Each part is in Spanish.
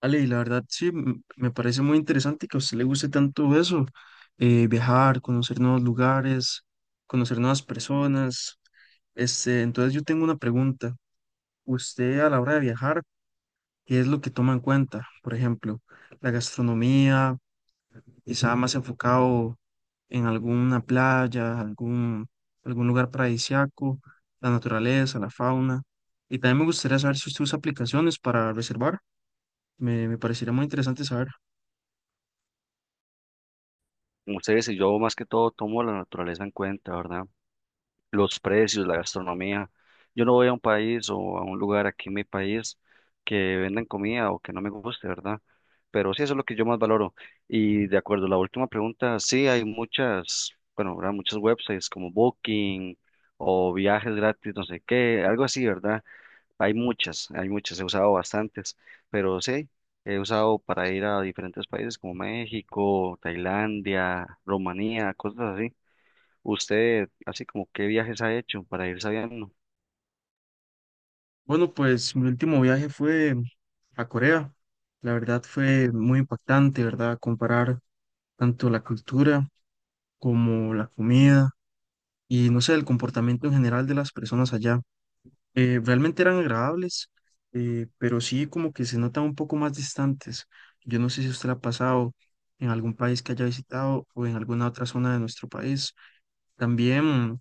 Ale, y la verdad sí, me parece muy interesante que a usted le guste tanto eso, viajar, conocer nuevos lugares, conocer nuevas personas. Entonces yo tengo una pregunta. Usted a la hora de viajar, ¿qué es lo que toma en cuenta? Por ejemplo, la gastronomía, quizá más enfocado en alguna playa, algún lugar paradisíaco, la naturaleza, la fauna. Y también me gustaría saber si usted usa aplicaciones para reservar. Me parecería muy interesante saber. Ustedes y yo más que todo tomo la naturaleza en cuenta, ¿verdad? Los precios, la gastronomía. Yo no voy a un país o a un lugar aquí en mi país que vendan comida o que no me guste, ¿verdad? Pero sí, eso es lo que yo más valoro. Y de acuerdo a la última pregunta, sí, hay muchas, bueno, ¿verdad? Muchos websites como Booking o viajes gratis, no sé qué, algo así, ¿verdad? Hay muchas, he usado bastantes, pero sí, he usado para ir a diferentes países como México, Tailandia, Rumanía, cosas así. Usted, así como, ¿qué viajes ha hecho para ir sabiendo? Bueno, pues mi último viaje fue a Corea. La verdad fue muy impactante, ¿verdad? Comparar tanto la cultura como la comida y no sé, el comportamiento en general de las personas allá. Realmente eran agradables, pero sí como que se notan un poco más distantes. Yo no sé si usted la ha pasado en algún país que haya visitado o en alguna otra zona de nuestro país. También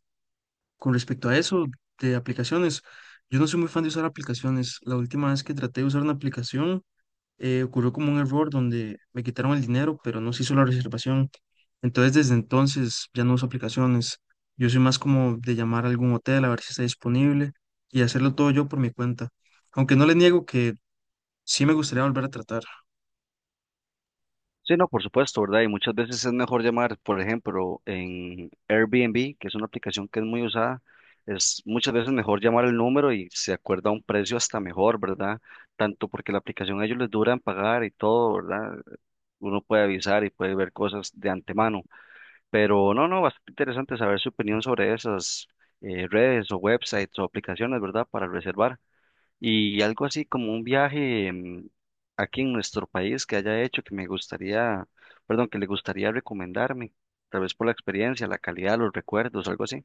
con respecto a eso de aplicaciones, yo no soy muy fan de usar aplicaciones. La última vez que traté de usar una aplicación, ocurrió como un error donde me quitaron el dinero, pero no se hizo la reservación. Entonces, desde entonces ya no uso aplicaciones. Yo soy más como de llamar a algún hotel a ver si está disponible y hacerlo todo yo por mi cuenta. Aunque no le niego que sí me gustaría volver a tratar. Sí, no, por supuesto, ¿verdad? Y muchas veces es mejor llamar, por ejemplo, en Airbnb, que es una aplicación que es muy usada, es muchas veces mejor llamar el número y se acuerda un precio hasta mejor, ¿verdad? Tanto porque la aplicación a ellos les dura en pagar y todo, ¿verdad? Uno puede avisar y puede ver cosas de antemano. Pero no, no, bastante interesante saber su opinión sobre esas redes o websites o aplicaciones, ¿verdad? Para reservar. Y algo así como un viaje aquí en nuestro país que haya hecho que me gustaría, perdón, que le gustaría recomendarme, tal vez por la experiencia, la calidad, los recuerdos, algo así.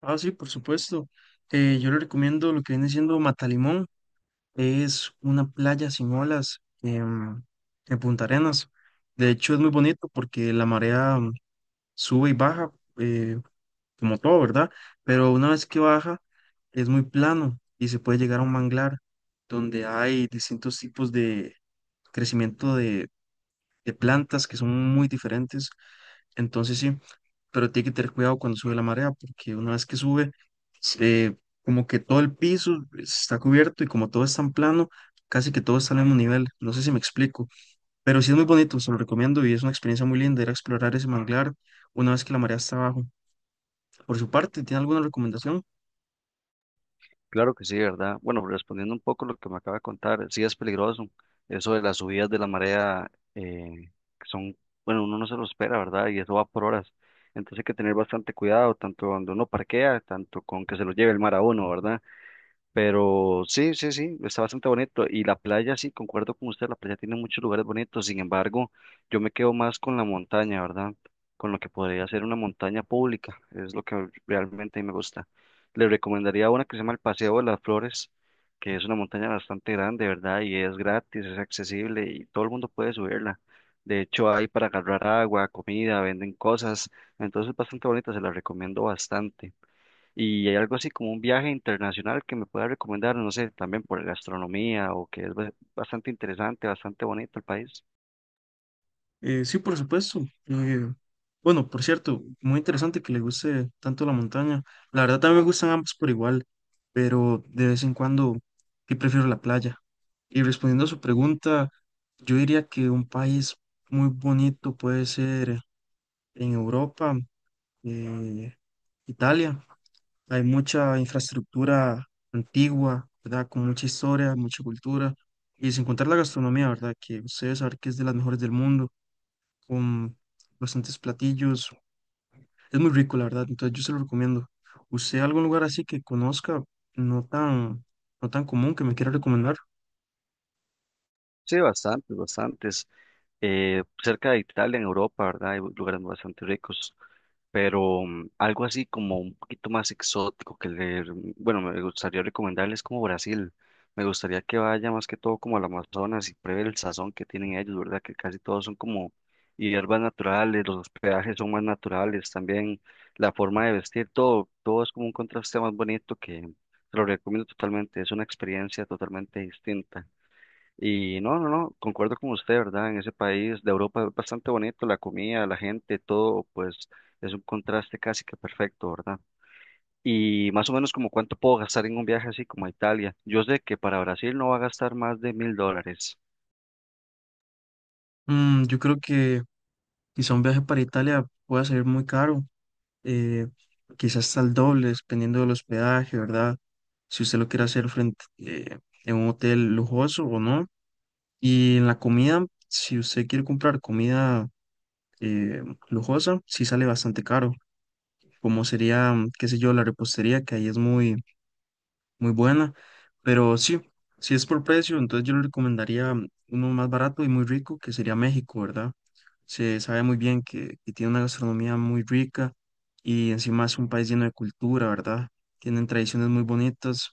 Ah, sí, por supuesto. Yo le recomiendo lo que viene siendo Matalimón. Es una playa sin olas Punta Arenas. De hecho, es muy bonito porque la marea sube y baja, eh, como todo, ¿verdad? Pero una vez que baja, es muy plano y se puede llegar a un manglar donde hay distintos tipos de crecimiento de plantas que son muy diferentes. Entonces, sí, pero tiene que tener cuidado cuando sube la marea, porque una vez que sube, eh, como que todo el piso está cubierto y como todo es tan plano, casi que todo está al mismo nivel. No sé si me explico, pero sí es muy bonito, se lo recomiendo y es una experiencia muy linda ir a explorar ese manglar una vez que la marea está abajo. Por su parte, ¿tiene alguna recomendación? Claro que sí, ¿verdad? Bueno, respondiendo un poco lo que me acaba de contar, sí es peligroso. Eso de las subidas de la marea, que son, bueno, uno no se lo espera, ¿verdad? Y eso va por horas. Entonces hay que tener bastante cuidado, tanto donde uno parquea, tanto con que se lo lleve el mar a uno, ¿verdad? Pero sí, sí, sí, está bastante bonito. Y la playa, sí, concuerdo con usted, la playa tiene muchos lugares bonitos. Sin embargo, yo me quedo más con la montaña, ¿verdad? Con lo que podría ser una montaña pública. Es lo que realmente a mí me gusta. Le recomendaría una que se llama el Paseo de las Flores, que es una montaña bastante grande, ¿verdad? Y es gratis, es accesible y todo el mundo puede subirla. De hecho, hay para agarrar agua, comida, venden cosas. Entonces, es bastante bonita, se la recomiendo bastante. Y hay algo así como un viaje internacional que me pueda recomendar, no sé, también por gastronomía o que es bastante interesante, bastante bonito el país. Sí, por supuesto. Eh, bueno, por cierto, muy interesante que le guste tanto la montaña. La verdad también me gustan ambos por igual, pero de vez en cuando sí prefiero la playa. Y respondiendo a su pregunta, yo diría que un país muy bonito puede ser en Europa, eh, Italia. Hay mucha infraestructura antigua, ¿verdad? Con mucha historia, mucha cultura. Y sin contar la gastronomía, ¿verdad? Que ustedes saben que es de las mejores del mundo con bastantes platillos. Es muy rico, la verdad, entonces yo se lo recomiendo. ¿Usted algún lugar así que conozca, no tan, no tan común, que me quiera recomendar? Sí, bastantes, bastantes. Cerca de Italia, en Europa, ¿verdad? Hay lugares bastante ricos. Pero algo así como un poquito más exótico que leer, bueno, me gustaría recomendarles como Brasil. Me gustaría que vaya más que todo como al Amazonas y pruebe el sazón que tienen ellos, ¿verdad? Que casi todos son como hierbas naturales, los hospedajes son más naturales, también la forma de vestir, todo, todo es como un contraste más bonito que te lo recomiendo totalmente, es una experiencia totalmente distinta. Y no, no, no, concuerdo con usted, ¿verdad? En ese país de Europa es bastante bonito, la comida, la gente, todo, pues es un contraste casi que perfecto, ¿verdad? Y más o menos como cuánto puedo gastar en un viaje así como a Italia. Yo sé que para Brasil no va a gastar más de $1000. Mm, yo creo que quizá un viaje para Italia pueda salir muy caro, eh, quizás hasta el doble, dependiendo del hospedaje, ¿verdad? Si usted lo quiere hacer frente, en un hotel lujoso o no. Y en la comida, si usted quiere comprar comida eh, lujosa, sí sale bastante caro. Como sería, mm, qué sé yo, la repostería, que ahí es muy buena. Pero sí, si es por precio, entonces yo le recomendaría mm, uno más barato y muy rico, que sería México, ¿verdad? Se sabe muy bien que tiene una gastronomía muy rica y encima es un país lleno de cultura, ¿verdad? Tienen tradiciones muy bonitas.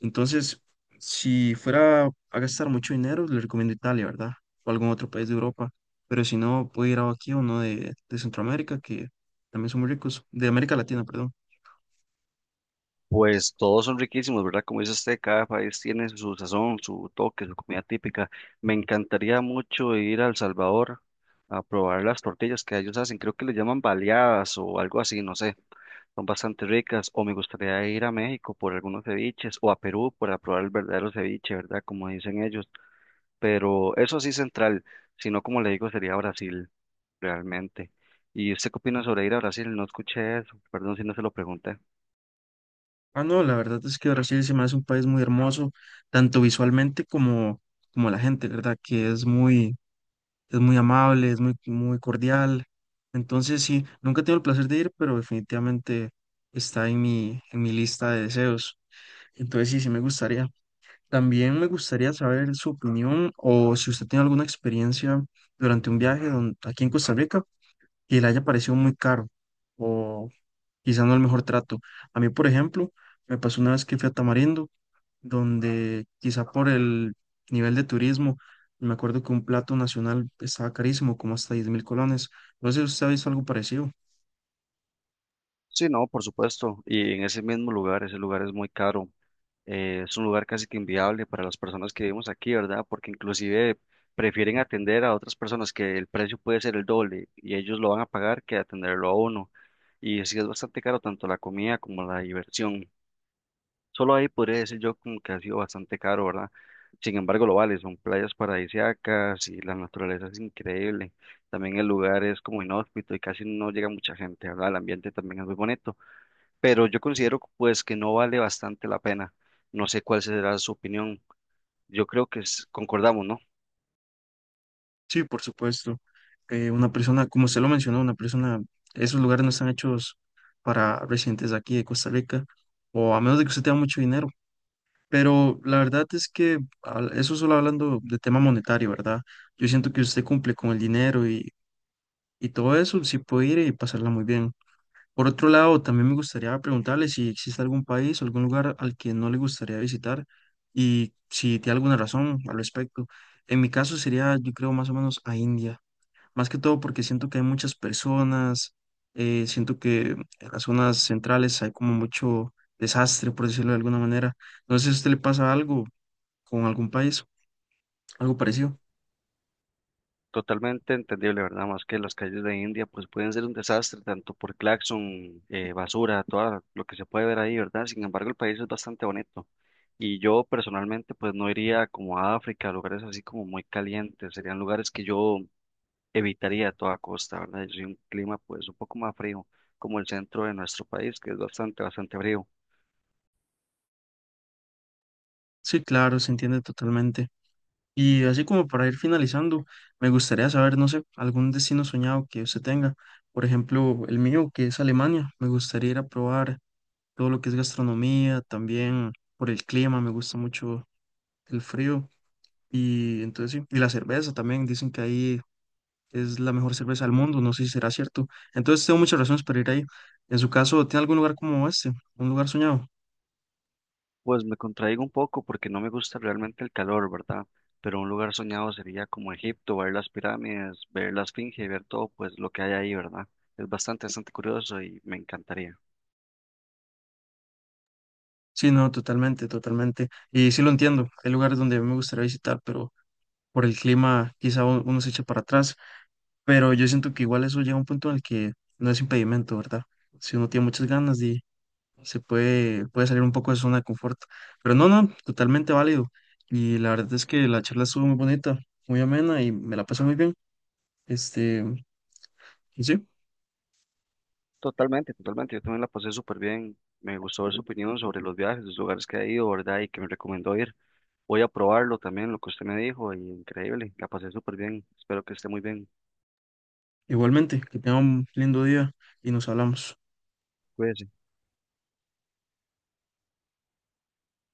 Entonces, si fuera a gastar mucho dinero, le recomiendo Italia, ¿verdad? O algún otro país de Europa. Pero si no, puede ir a aquí o uno de Centroamérica, que también son muy ricos, de América Latina, perdón. Pues todos son riquísimos, ¿verdad? Como dice usted, cada país tiene su sazón, su toque, su comida típica. Me encantaría mucho ir a El Salvador a probar las tortillas que ellos hacen. Creo que le llaman baleadas o algo así, no sé. Son bastante ricas, o me gustaría ir a México por algunos ceviches, o a Perú para probar el verdadero ceviche, ¿verdad? Como dicen ellos, pero eso sí central, si no, como le digo, sería Brasil, realmente. ¿Y usted qué opina sobre ir a Brasil? No escuché eso, perdón si no se lo pregunté. Ah, no, la verdad es que Brasil se me hace un país muy hermoso, tanto visualmente como la gente, ¿verdad? Es muy amable, es muy, muy cordial. Entonces, sí, nunca he tenido el placer de ir, pero definitivamente está en en mi lista de deseos. Entonces, sí, sí me gustaría. También me gustaría saber su opinión o si usted tiene alguna experiencia durante un viaje aquí en Costa Rica que le haya parecido muy caro o quizá no el mejor trato. A mí, por ejemplo, me pasó una vez que fui a Tamarindo donde quizá por el nivel de turismo, me acuerdo que un plato nacional estaba carísimo, como hasta 10 000 colones. No sé si usted ha visto algo parecido. Sí, no, por supuesto, y en ese mismo lugar, ese lugar es muy caro, es un lugar casi que inviable para las personas que vivimos aquí, ¿verdad? Porque inclusive prefieren atender a otras personas que el precio puede ser el doble y ellos lo van a pagar que atenderlo a uno. Y sí es bastante caro tanto la comida como la diversión. Solo ahí podría decir yo como que ha sido bastante caro, ¿verdad? Sin embargo, lo vale, son playas paradisíacas y la naturaleza es increíble. También el lugar es como inhóspito y casi no llega mucha gente, ¿verdad? El ambiente también es muy bonito pero yo considero pues que no vale bastante la pena. No sé cuál será su opinión. Yo creo que concordamos, ¿no? Sí, por supuesto. Una persona, como usted lo mencionó, esos lugares no están hechos para residentes de aquí de Costa Rica, o a menos de que usted tenga mucho dinero. Pero la verdad es que eso solo hablando de tema monetario, ¿verdad? Yo siento que usted cumple con el dinero y todo eso, sí puede ir y pasarla muy bien. Por otro lado, también me gustaría preguntarle si existe algún país o algún lugar al que no le gustaría visitar y si tiene alguna razón al respecto. En mi caso sería, yo creo, más o menos a India. Más que todo porque siento que hay muchas personas, siento que en las zonas centrales hay como mucho desastre, por decirlo de alguna manera. No sé si a usted le pasa algo con algún país, algo parecido. Totalmente entendible, ¿verdad? Más que las calles de India pues pueden ser un desastre, tanto por claxon, basura, todo lo que se puede ver ahí, ¿verdad? Sin embargo, el país es bastante bonito. Y yo personalmente pues no iría como a África, a lugares así como muy calientes, serían lugares que yo evitaría a toda costa, ¿verdad? Yo soy un clima pues un poco más frío, como el centro de nuestro país, que es bastante, bastante frío. Sí, claro, se entiende totalmente. Y así como para ir finalizando, me gustaría saber, no sé, algún destino soñado que usted tenga. Por ejemplo, el mío, que es Alemania. Me gustaría ir a probar todo lo que es gastronomía, también por el clima, me gusta mucho el frío. Y entonces sí, y la cerveza también, dicen que ahí es la mejor cerveza del mundo, no sé si será cierto. Entonces tengo muchas razones para ir ahí. En su caso, ¿tiene algún lugar como este? ¿Un lugar soñado? Pues me contraigo un poco porque no me gusta realmente el calor, ¿verdad? Pero un lugar soñado sería como Egipto, ver las pirámides, ver la Esfinge ver todo pues lo que hay ahí, ¿verdad? Es bastante, bastante curioso y me encantaría. Sí, no, totalmente, totalmente. Y sí lo entiendo, hay lugares donde me gustaría visitar, pero ...por el clima quizá uno se eche para atrás, pero yo siento que igual eso llega a un punto en el que no es impedimento, ¿verdad? Si uno tiene muchas ganas y puede salir un poco de su zona de confort, pero no, no, totalmente válido. Y la verdad es que la charla estuvo muy bonita, muy amena y me la pasé muy bien. Este, y sí, Totalmente, totalmente. Yo también la pasé súper bien. Me gustó ver su opinión sobre los viajes, los lugares que ha ido, ¿verdad? Y que me recomendó ir. Voy a probarlo también, lo que usted me dijo, y increíble. La pasé súper bien. Espero que esté muy bien. igualmente, que tengan un lindo día y nos hablamos. Cuídese.